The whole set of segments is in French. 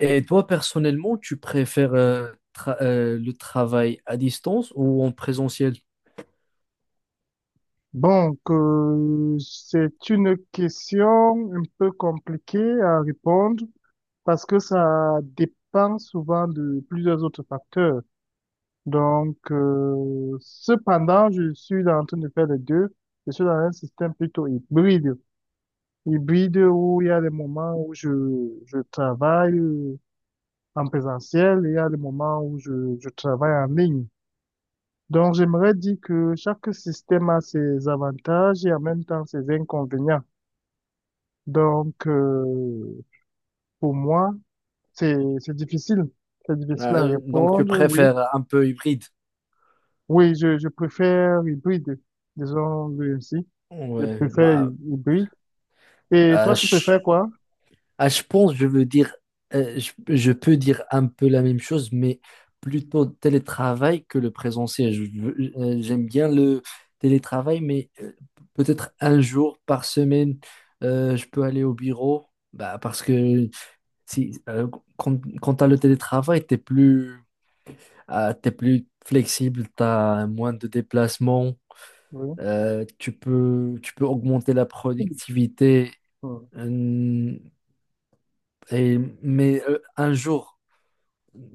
Et toi, personnellement, tu préfères le travail à distance ou en présentiel? Donc, c'est une question un peu compliquée à répondre parce que ça dépend souvent de plusieurs autres facteurs. Donc, cependant, je suis en train de faire les deux. Je suis dans un système plutôt hybride. Hybride où il y a des moments où je travaille en présentiel et il y a des moments où je travaille en ligne. Donc, j'aimerais dire que chaque système a ses avantages et en même temps ses inconvénients. Donc, pour moi, c'est, c'est difficile. C'est difficile à Donc, tu répondre, oui. préfères un peu hybride? Oui, je préfère hybride, disons-le ainsi. Je Ouais, préfère bah, hybride. Et euh, toi, tu je, préfères quoi? Je pense, je veux dire, je peux dire un peu la même chose, mais plutôt télétravail que le présentiel. J'aime bien le télétravail, mais peut-être un jour par semaine, je peux aller au bureau, bah, parce que si, quand tu as le télétravail, tu es plus flexible, t'as moins de déplacements, Oui. euh, tu peux augmenter la productivité. Hmm. euh, un jour,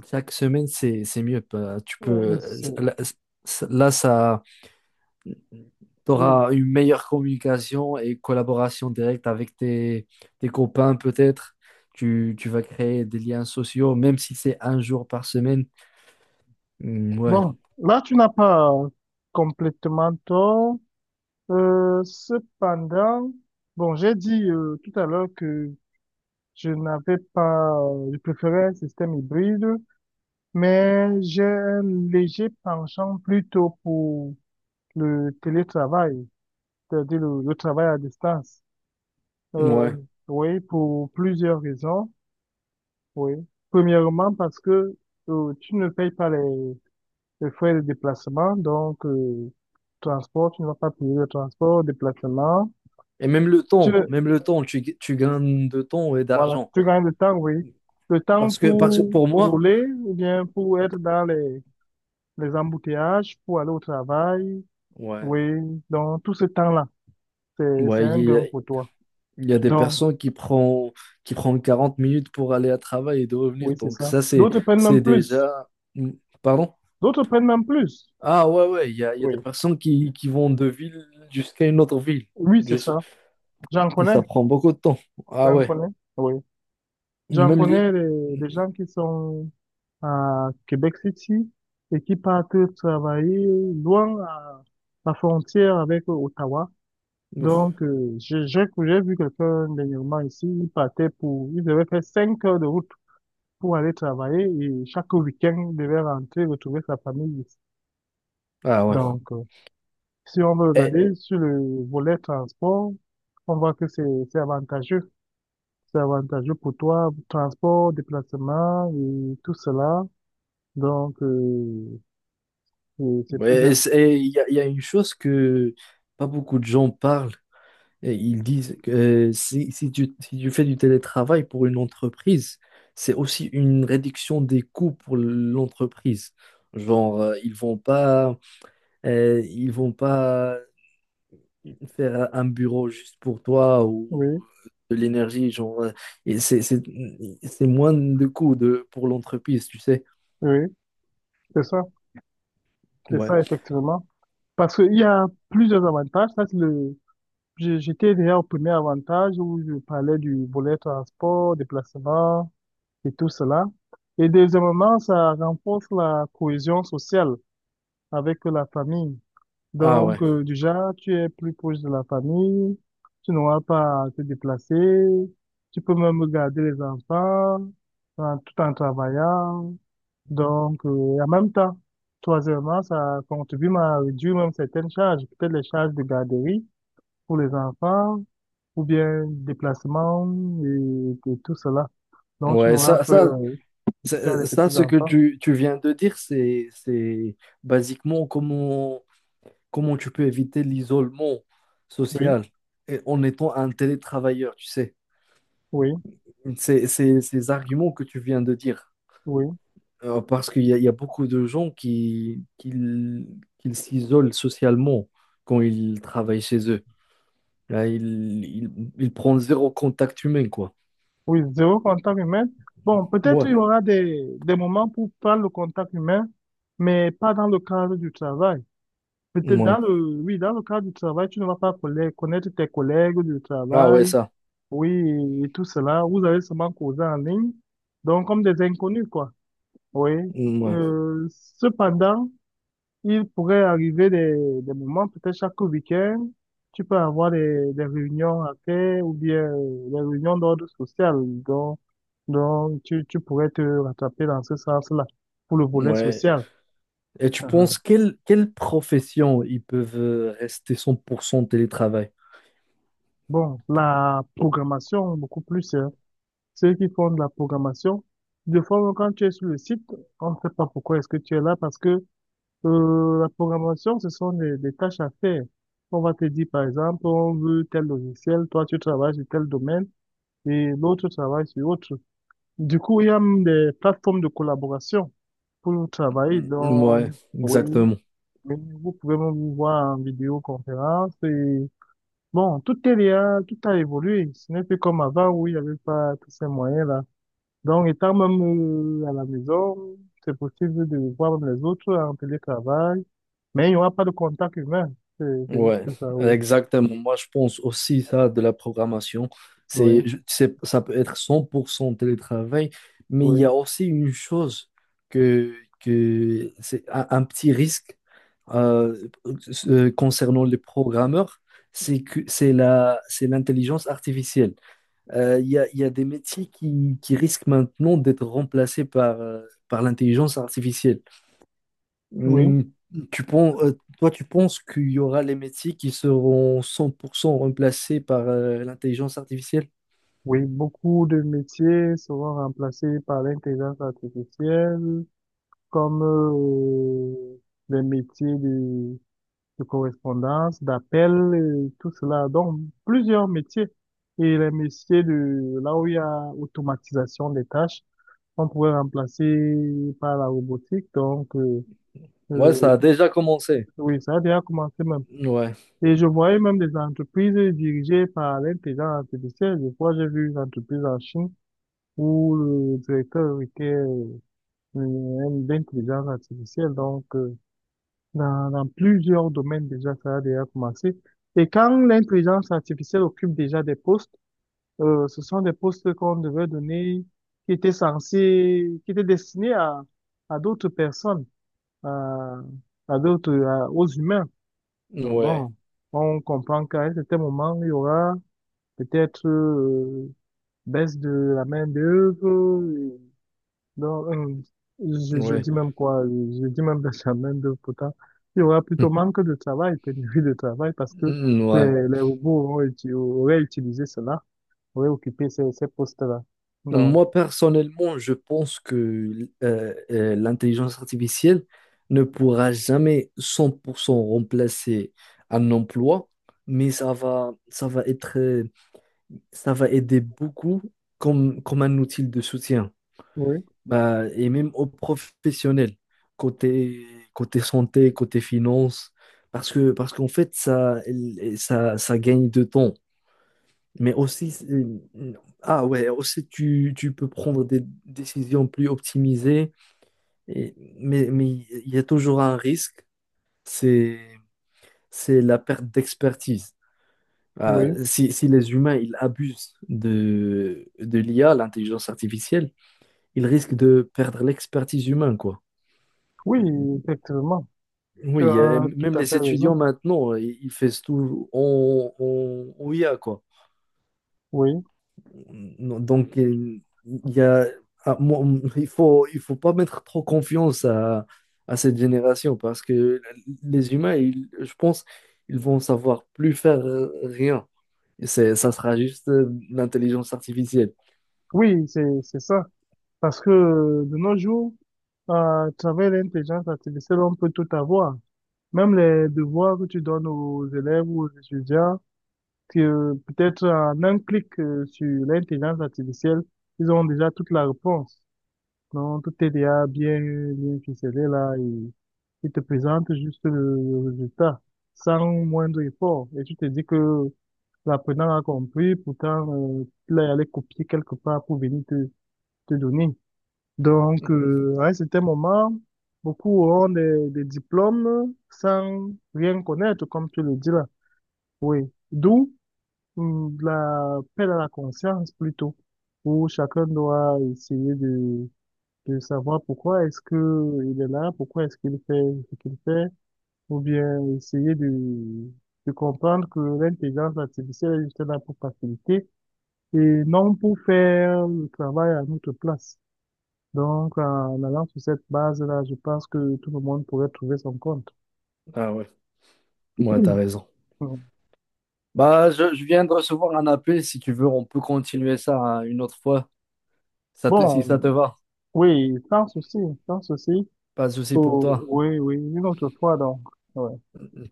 chaque semaine, c'est mieux. Tu Ouais, peux, c'est- là, ça, oui. t'auras une meilleure communication et collaboration directe avec tes copains, peut-être. Tu vas créer des liens sociaux, même si c'est un jour par semaine. Ouais, Bon, là, tu n'as pas complètement tort. Cependant, bon, j'ai dit tout à l'heure que je n'avais pas, je préférais un système hybride, mais j'ai un léger penchant plutôt pour le télétravail, c'est-à-dire le travail à distance. Euh, ouais. oui, pour plusieurs raisons. Oui. Premièrement, parce que tu ne payes pas les frais de déplacement, donc transport, tu ne vas pas payer le transport, déplacement. Et même le Tu, temps, tu gagnes de temps et voilà, d'argent. tu gagnes le temps, oui. Le temps Parce que pour pour moi, rouler ou bien pour être dans les embouteillages pour aller au travail. ouais, Oui, donc tout ce temps-là, c'est ouais, un gain pour toi. il y a des Donc, personnes qui prennent qui prend 40 minutes pour aller à travail et de revenir. oui, c'est Donc ça. ça, c'est, D'autres prennent c'est même plus. déjà… Hmm, Pardon? D'autres prennent même plus. Ah ouais, ouais, il y a des Oui, personnes qui vont de ville jusqu'à une autre ville. oui, c'est Juste- ça. J'en Et connais, ça prend beaucoup de temps. Ah j'en ouais. connais. Oui, j'en Même les… connais des gens qui sont à Québec City et qui partent travailler loin à la frontière avec Ottawa. Ouf. Donc, j'ai vu quelqu'un dernièrement ici, il partait pour, il devait faire 5 heures de route pour aller travailler et chaque week-end, il devait rentrer, retrouver sa famille ici. Ah ouais. Donc, si on veut Et regarder sur le volet transport, on voit que c'est avantageux. C'est avantageux pour toi, transport, déplacement et tout cela. Donc, c'est plus... et il y a une chose que pas beaucoup de gens parlent, et ils disent que si tu fais du télétravail pour une entreprise, c'est aussi une réduction des coûts pour l'entreprise. Genre, ils vont pas faire un bureau juste pour toi ou Oui, de l'énergie. Et c'est, c'est, c'est moins de coûts de, pour l'entreprise, tu sais. oui, c'est ça. C'est Ouais. ça, effectivement. Parce qu'il y a plusieurs avantages. Ça, c'est le... J'étais déjà au premier avantage où je parlais du volet transport, déplacement, et tout cela. Et deuxièmement, ça renforce la cohésion sociale avec la famille. Ah Donc, ouais. Déjà, tu es plus proche de la famille, tu n'auras pas à te déplacer, tu peux même garder les enfants tout en travaillant. Donc, et en même temps, troisièmement, ça contribue à réduire même certaines charges, peut-être les charges de garderie pour les enfants ou bien déplacement et tout cela. Donc, tu Ouais, n'auras ça, pas, ça, tu as ça, les ça, ce que petits-enfants. Tu viens de dire, c'est basiquement comment comment tu peux éviter l'isolement Oui, social en étant un télétravailleur, tu sais? oui, Ces arguments que tu viens de dire. oui, Parce qu'il y a beaucoup de gens qui s'isolent socialement quand ils travaillent chez eux. Là, ils prennent zéro contact humain, quoi. oui, zéro contact humain. Bon, peut-être il Ouais, y aura des moments pour faire le contact humain, mais pas dans le cadre du travail. Peut-être dans ouais. le, oui, dans le cadre du travail, tu ne vas pas connaître tes collègues du Ah ouais, travail, ça. oui, et tout cela. Vous allez seulement causer en ligne, donc comme des inconnus, quoi. Oui. Ouais, Euh, cependant, il pourrait arriver des moments, peut-être chaque week-end, tu peux avoir des réunions à faire ou bien des réunions d'ordre social. Donc, donc tu pourrais te rattraper dans ce sens-là pour le volet ouais. social. Et tu uh penses quelle profession ils peuvent rester 100% télétravail? Bon, la programmation, beaucoup plus, hein. Ceux qui font de la programmation, de fois, quand tu es sur le site, on ne sait pas pourquoi est-ce que tu es là parce que la programmation, ce sont des tâches à faire. On va te dire, par exemple, on veut tel logiciel, toi tu travailles sur tel domaine et l'autre travaille sur autre. Du coup, il y a même des plateformes de collaboration pour travailler. Ouais, Donc, oui, exactement. oui, vous pouvez même voir en vidéoconférence et bon, tout est là, tout a évolué. Ce n'est plus comme avant où il n'y avait pas tous ces moyens-là. Donc, étant même à la maison, c'est possible de voir même les autres en télétravail, mais il n'y aura pas de contact humain. C'est Ouais, juste ça, oui. exactement. Moi, je pense aussi ça de la programmation. Oui, Ça peut être 100% télétravail, mais il y a oui, aussi une chose que, que c'est un petit risque euh, concernant les programmeurs, c'est que c'est l'intelligence artificielle. Il y a des métiers qui risquent maintenant d'être remplacés par, par l'intelligence artificielle. oui. Hmm. Tu penses, tu penses qu'il y aura les métiers qui seront 100% remplacés par l'intelligence artificielle? Oui, beaucoup de métiers seront remplacés par l'intelligence artificielle, comme les métiers de correspondance, d'appel, tout cela. Donc, plusieurs métiers. Et les métiers de là où il y a automatisation des tâches, on pourrait remplacer par la robotique. Donc, Ouais, euh, ça a déjà commencé. oui, ça a déjà commencé même. Ouais, Et je voyais même des entreprises dirigées par l'intelligence artificielle. Je crois, j'ai vu une entreprise en Chine où le directeur était d'intelligence artificielle. Donc, dans plusieurs domaines déjà, ça a déjà commencé. Et quand l'intelligence artificielle occupe déjà des postes, ce sont des postes qu'on devait donner, qui étaient censés, qui étaient destinés à d'autres personnes. À, à d'autres, aux humains. Donc ouais, bon, on comprend qu'à un certain moment, il y aura peut-être baisse de la main-d'œuvre. Non, je ouais. dis même quoi, je dis même baisse de la main-d'œuvre pourtant. Il y aura plutôt manque de travail, pénurie de travail, parce que Hmm, ouais. Les robots auraient utilisé cela, auraient occupé ces postes-là. Non. Moi, personnellement, je pense que l'intelligence artificielle ne pourra jamais 100% remplacer un emploi, mais ça va être, ça va aider beaucoup comme, comme un outil de soutien. Oui, Bah, et même aux professionnels, côté, côté santé, côté finance, parce qu'en fait, ça gagne de temps. Mais aussi, aussi tu peux prendre des décisions plus optimisées, et, mais il y a toujours un risque, c'est, c'est la perte d'expertise. Ah, oui, si les humains ils abusent de l'IA, l'intelligence artificielle, ils risquent de perdre l'expertise humaine, quoi. oui, effectivement. Tu Oui, as tout même à les fait étudiants raison. maintenant, ils font tout en I a quoi. Oui, Non, donc, il y a, ah, moi, il faut pas mettre trop confiance à cette génération parce que les humains, ils- je pense, ils vont savoir plus faire rien. Et ça sera juste l'intelligence artificielle. oui, c'est ça. Parce que de nos jours, euh, à travers l'intelligence artificielle, on peut tout avoir. Même les devoirs que tu donnes aux élèves ou aux étudiants, que peut-être en un clic sur l'intelligence artificielle, ils ont déjà toute la réponse. Donc, tout est déjà bien, bien ficelé là. Et il te présente juste le résultat sans moindre effort. Et tu te dis que l'apprenant a compris, pourtant, il est allé copier quelque part pour venir te donner. Donc, à un certain moment, beaucoup auront des diplômes sans rien connaître, comme tu le dis là. D'où la peine à la conscience plutôt, où chacun doit essayer de savoir pourquoi est-ce que il est là, pourquoi est-ce qu'il fait ce qu'il fait, ou bien essayer de comprendre que l'intelligence artificielle est juste là pour faciliter et non pour faire le travail à notre place. Donc, en allant sur cette base-là, je pense que tout le monde pourrait trouver son compte. Ah ouais, ouais, t'as raison. Mm. Bah, je viens de recevoir un appel. Si tu veux, on peut continuer ça hein, une autre fois, ça te- si Bon, ça te va. oui, sans souci, sans souci. Pas de souci pour toi. Oui, oui, une autre fois, donc. Ouais,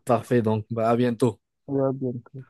Parfait, donc bah, à bientôt. on verra bien.